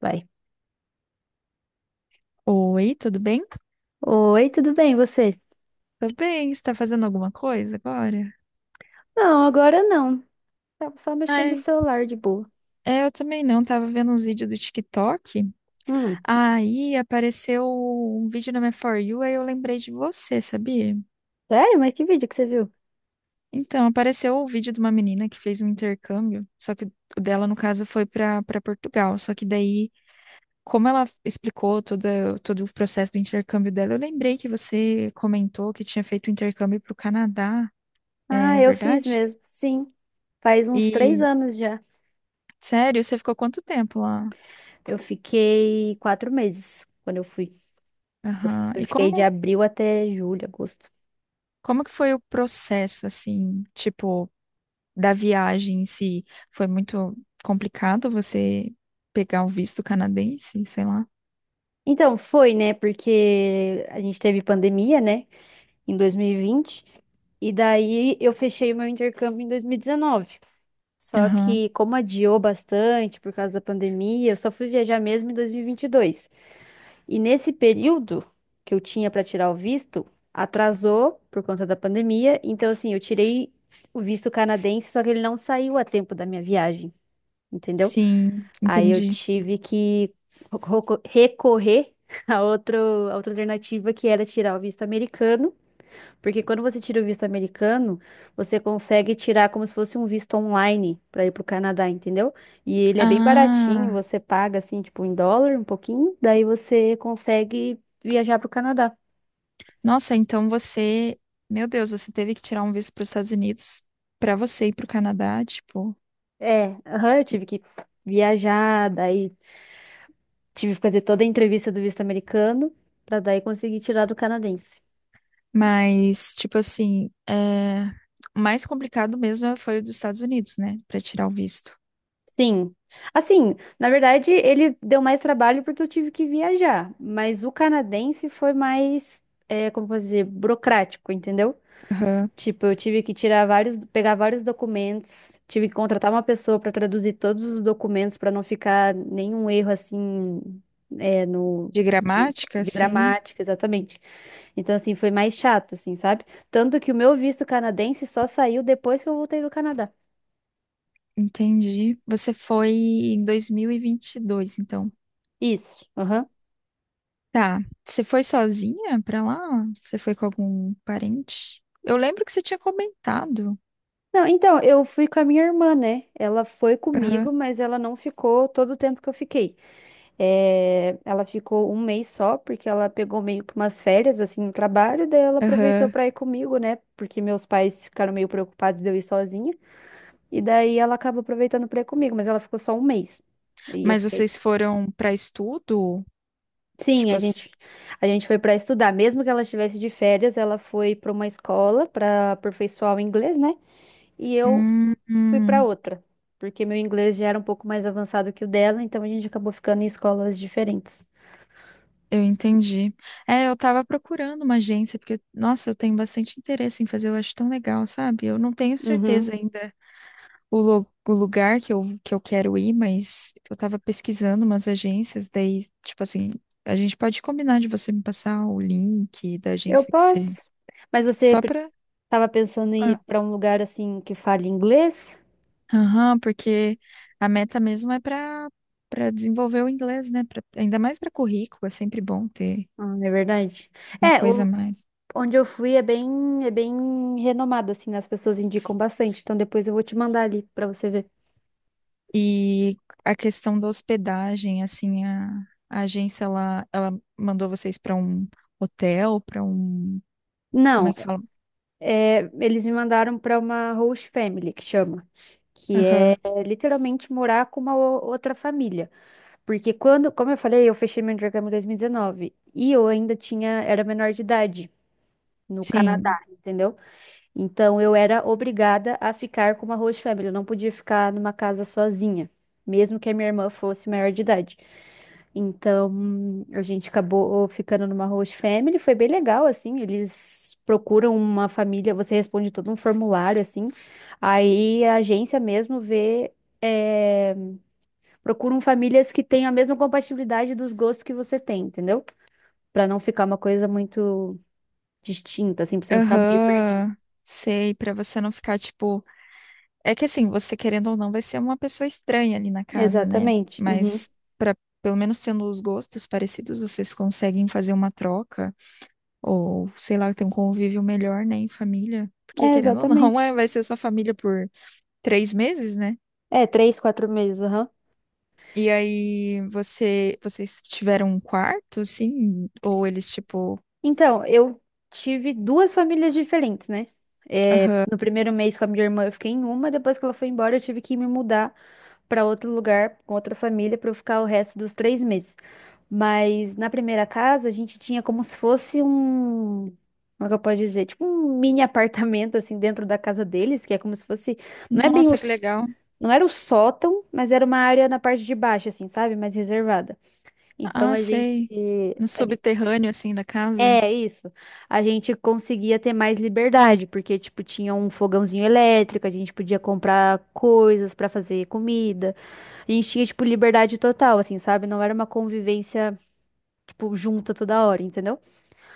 Vai. Oi, tudo bem? Oi, tudo bem, você? Tudo bem, você tá fazendo alguma coisa agora? Não, agora não. Tava só mexendo no Ai, celular de boa. é, eu também não, tava vendo uns vídeos do TikTok, Hum, aí apareceu um vídeo na minha For You, aí eu lembrei de você, sabia? sério? Mas que vídeo que você viu? Então, apareceu o vídeo de uma menina que fez um intercâmbio, só que o dela, no caso, foi para Portugal, só que daí, como ela explicou todo o processo do intercâmbio dela, eu lembrei que você comentou que tinha feito um intercâmbio para o Canadá, Ah, é eu fiz verdade? mesmo. Sim, faz uns três E anos já. sério? Você ficou quanto tempo lá? Eu fiquei 4 meses quando eu fui. Eu Aham. fui- E fiquei de abril até julho, agosto. como que foi o processo, assim, tipo, da viagem em si? Foi muito complicado você pegar o visto canadense, sei lá? Então, foi, né? Porque a gente teve pandemia, né? Em 2020. E vinte. E daí eu fechei o meu intercâmbio em 2019. Só Aham. que, como adiou bastante por causa da pandemia, eu só fui viajar mesmo em 2022. E vinte e dois. E nesse período que eu tinha para tirar o visto, atrasou por conta da pandemia. Então, assim, eu tirei o visto canadense, só que ele não saiu a tempo da minha viagem, entendeu? Sim, Aí eu entendi. tive que recorrer a outra alternativa que era tirar o visto americano, porque quando você tira o visto americano, você consegue tirar como se fosse um visto online para ir pro Canadá, entendeu? E ele é bem baratinho, Ah, você paga assim, tipo, em dólar, um pouquinho, daí você consegue viajar pro Canadá. nossa, então você, meu Deus, você teve que tirar um visto para os Estados Unidos para você ir para o Canadá, tipo. É, aham, eu tive que viajar, daí tive que fazer toda a entrevista do visto americano para daí conseguir tirar do canadense. Mas, tipo assim, é... o mais complicado mesmo foi o dos Estados Unidos, né? Para tirar o visto. Sim. Assim, na verdade, ele deu mais trabalho porque eu tive que viajar, mas o canadense foi mais, é, como posso dizer, burocrático, entendeu? Tipo, eu tive que tirar vários, pegar vários documentos, tive que contratar uma pessoa para traduzir todos os documentos para não ficar nenhum erro assim, é, no De de, gramática, de sim, gramática, exatamente. Então, assim, foi mais chato, assim, sabe? Tanto que o meu visto canadense só saiu depois que eu voltei do Canadá. entendi. Você foi em dois mil e vinte e dois, então. Isso, aham. Tá. Você foi sozinha pra lá? Você foi com algum parente? Eu lembro que você tinha comentado. Não, então, eu fui com a minha irmã, né? Ela foi Aham, comigo, mas ela não ficou todo o tempo que eu fiquei. É, ela ficou um mês só, porque ela pegou meio que umas férias, assim, no trabalho, daí ela aproveitou aham. pra ir comigo, né? Porque meus pais ficaram meio preocupados de eu ir sozinha, e daí ela acaba aproveitando pra ir comigo, mas ela ficou só um mês. E eu Mas fiquei. vocês foram pra estudo? Sim, Tipo a assim. gente, a gente foi pra estudar, mesmo que ela estivesse de férias, ela foi pra uma escola pra aperfeiçoar o inglês, né? E eu Hum, fui pra hum, outra, porque meu inglês já era um pouco mais avançado que o dela, então a gente acabou ficando em escolas diferentes. eu entendi. É, eu tava procurando uma agência, porque, nossa, eu tenho bastante interesse em fazer, eu acho tão legal, sabe? Eu não tenho Uhum. certeza ainda o, lu- o lugar que eu quero ir, mas eu tava pesquisando umas agências, daí, tipo assim, a gente pode combinar de você me passar o link da Eu agência que você. posso. Mas você Só pe- pra. tava pensando em ir Ah, pra um lugar assim que fale inglês? aham, porque a meta mesmo é pra, pra desenvolver o inglês, né? Pra- ainda mais pra currículo, é sempre bom ter Ah, não é verdade? uma É, coisa a mais. onde eu fui é bem renomado, assim, né? As pessoas indicam bastante. Então depois eu vou te mandar ali pra você ver. E a questão da hospedagem, a agência, ela mandou vocês para um hotel, para um. Como Não, é que fala? é, eles me mandaram pra uma host family, que chama. Que é Aham. literalmente morar com uma outra família. Porque quando, como eu falei, eu fechei meu intercâmbio em 2019. E dezenove, e eu ainda tinha, era menor de idade no Canadá, Sim. entendeu? Então eu era obrigada a ficar com uma host family, eu não podia ficar numa casa sozinha, mesmo que a minha irmã fosse maior de idade. Então a gente acabou ficando numa host family, foi bem legal assim, eles procuram uma família, você responde todo um formulário assim. Aí a agência mesmo vê, é, procuram famílias que tenham a mesma compatibilidade dos gostos que você tem, entendeu? Pra não ficar uma coisa muito distinta, assim, pra você não ficar meio perdido. Aham, sei, pra você não ficar tipo. É que assim, você querendo ou não, vai ser uma pessoa estranha ali na casa, né? Exatamente. Uhum. Mas para pelo menos tendo os gostos parecidos, vocês conseguem fazer uma troca ou sei lá, ter um convívio melhor, né, em família. Porque É, querendo ou não, é, exatamente. vai ser sua família por 3 meses, né? É, 3, 4 meses, aham. E aí você, vocês tiveram um quarto, sim? Ou eles tipo, Então, eu tive duas famílias diferentes, né? É, aham, no primeiro mês com a minha irmã eu fiquei em uma, depois que ela foi embora eu tive que me mudar pra outro lugar, com outra família, pra eu ficar o resto dos 3 meses. Mas na primeira casa a gente tinha como se fosse um. Como é que eu posso dizer? Tipo um mini apartamento, assim, dentro da casa deles, que é como se fosse. Não é bem nossa, que os. legal. Não era o sótão, mas era uma área na parte de baixo, assim, sabe? Mais reservada. Então Ah, a gente. sei. No subterrâneo assim da casa. É isso. A gente conseguia ter mais liberdade, porque, tipo, tinha um fogãozinho elétrico, a gente podia comprar coisas pra fazer comida. A gente tinha, tipo, liberdade total, assim, sabe? Não era uma convivência, tipo, junta toda hora, entendeu?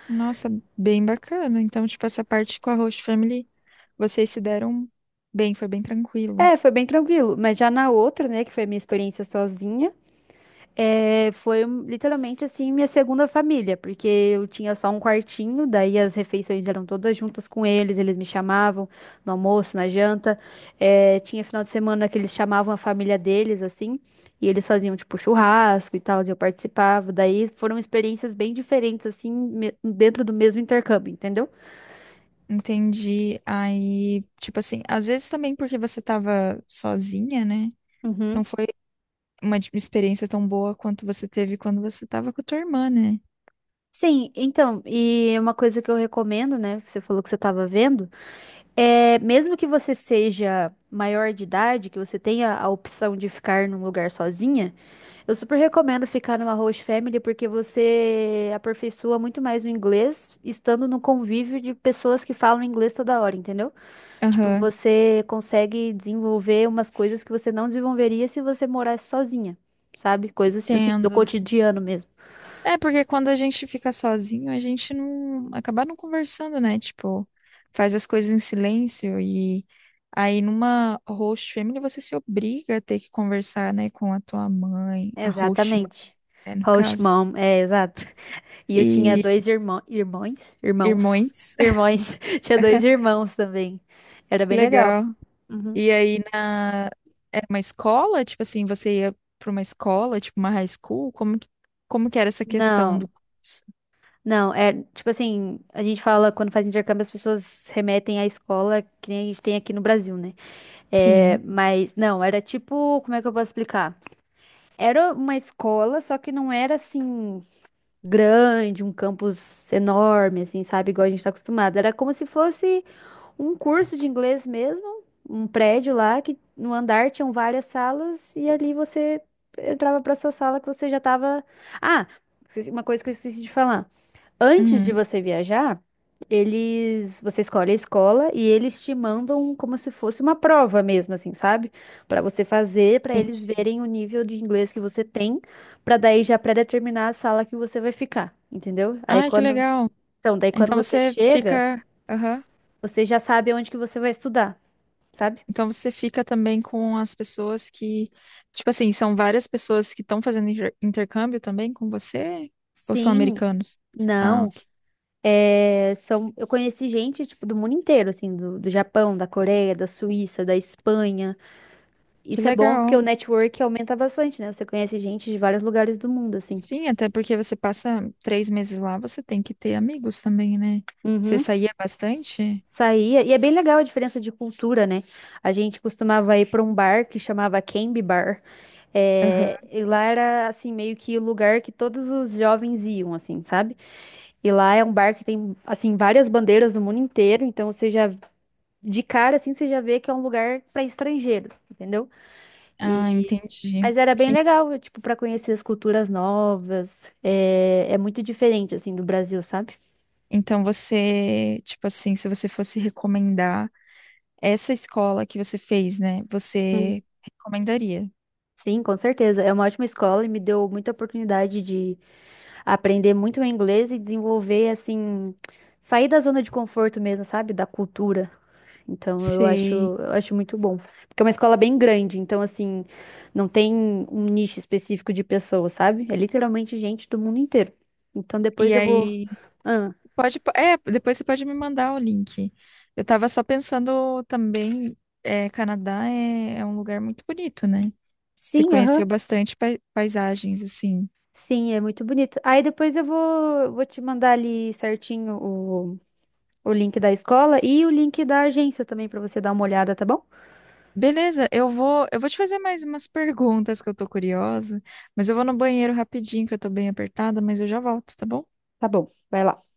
Nossa, bem bacana. Então, tipo, essa parte com a Host Family, vocês se deram bem, foi bem tranquilo. É, foi bem tranquilo. Mas já na outra, né, que foi a minha experiência sozinha. É, foi literalmente assim minha segunda família, porque eu tinha só um quartinho, daí as refeições eram todas juntas com eles, eles me chamavam no almoço, na janta. É, tinha final de semana que eles chamavam a família deles, assim, e eles faziam tipo churrasco e tal, e eu participava. Daí foram experiências bem diferentes, assim, dentro do mesmo intercâmbio, entendeu? Entendi. Aí, tipo assim, às vezes também porque você tava sozinha, né? Uhum. Não foi uma di- experiência tão boa quanto você teve quando você tava com a tua irmã, né? Sim, então, e uma coisa que eu recomendo, né? Que você falou que você estava vendo. É, mesmo que você seja maior de idade, que você tenha a opção de ficar num lugar sozinha, eu super recomendo ficar numa host family, porque você aperfeiçoa muito mais o inglês estando no convívio de pessoas que falam inglês toda hora, entendeu? Tipo, Aham, você consegue desenvolver umas coisas que você não desenvolveria se você morasse sozinha, sabe? Coisas assim do entendo. cotidiano mesmo. É, porque quando a gente fica sozinho, a gente não acaba não conversando, né? Tipo, faz as coisas em silêncio e aí numa host family você se obriga a ter que conversar, né, com a tua mãe, a host, mãe, Exatamente. né, no Host caso, mom, é exato. E eu tinha e dois irmão, irmãos, irmãos, irmãos. irmãos, tinha dois irmãos também. Era Que bem legal. legal. Uhum. E aí na era uma escola, tipo assim, você ia para uma escola, tipo uma high school, como que era essa questão do Não, curso? não, é tipo assim, a gente fala quando faz intercâmbio, as pessoas remetem à escola que nem a gente tem aqui no Brasil, né? É, Sim. mas não, era tipo, como é que eu posso explicar? Era uma escola, só que não era assim grande, um campus enorme, assim, sabe? Igual a gente tá acostumado. Era como se fosse um curso de inglês mesmo, um prédio lá que no andar tinham várias salas e ali você entrava para sua sala que você já estava. Ah, uma coisa que eu esqueci de falar. Antes de Uhum, você viajar, eles, você escolhe a escola e eles te mandam como se fosse uma prova mesmo, assim, sabe? Para você fazer, para eles entendi. verem o nível de inglês que você tem, para daí já pré-determinar a sala que você vai ficar, entendeu? Aí Ai, que quando, legal. então, daí quando Então você você chega, aham. você já sabe onde que você vai estudar, sabe? Então você fica também com as pessoas que, tipo assim, são várias pessoas que estão fazendo inter- intercâmbio também com você? Ou são Sim. americanos? Ah, Não, ok. é, são, eu conheci gente, tipo, do mundo inteiro, assim, do Japão, da Coreia, da Suíça, da Espanha. Que Isso é bom porque o legal. network aumenta bastante, né? Você conhece gente de vários lugares do mundo, assim. Sim, até porque você passa 3 meses lá, você tem que ter amigos também, né? Você Uhum. saía bastante? Saía, e é bem legal a diferença de cultura, né? A gente costumava ir para um bar que chamava Canby Bar. É, Aham. e lá era, assim, meio que o lugar que todos os jovens iam, assim, sabe? E lá é um bar que tem, assim, várias bandeiras do mundo inteiro, então você já de cara assim você já vê que é um lugar para estrangeiro, entendeu? Ah, E entendi. mas era bem En- legal, tipo, para conhecer as culturas novas. É, é muito diferente assim do Brasil, sabe? então você, tipo assim, se você fosse recomendar essa escola que você fez, né? Hum. Você recomendaria? Sim, com certeza. É uma ótima escola e me deu muita oportunidade de aprender muito o inglês e desenvolver assim, sair da zona de conforto mesmo, sabe? Da cultura. Então Sei. eu acho muito bom. Porque é uma escola bem grande, então assim, não tem um nicho específico de pessoas, sabe? É literalmente gente do mundo inteiro. Então E depois eu vou. aí, Ah, pode, é, depois você pode me mandar o link. Eu tava só pensando também, é, Canadá é, é um lugar muito bonito, né? Você sim, conheceu aham. bastante pai- paisagens, assim. Sim, é muito bonito. Aí depois eu vou te mandar ali certinho o link da escola e o link da agência também pra você dar uma olhada, tá bom? Beleza, eu vou te fazer mais umas perguntas que eu tô curiosa, mas eu vou no banheiro rapidinho, que eu tô bem apertada, mas eu já volto, tá bom? Tá bom, vai lá.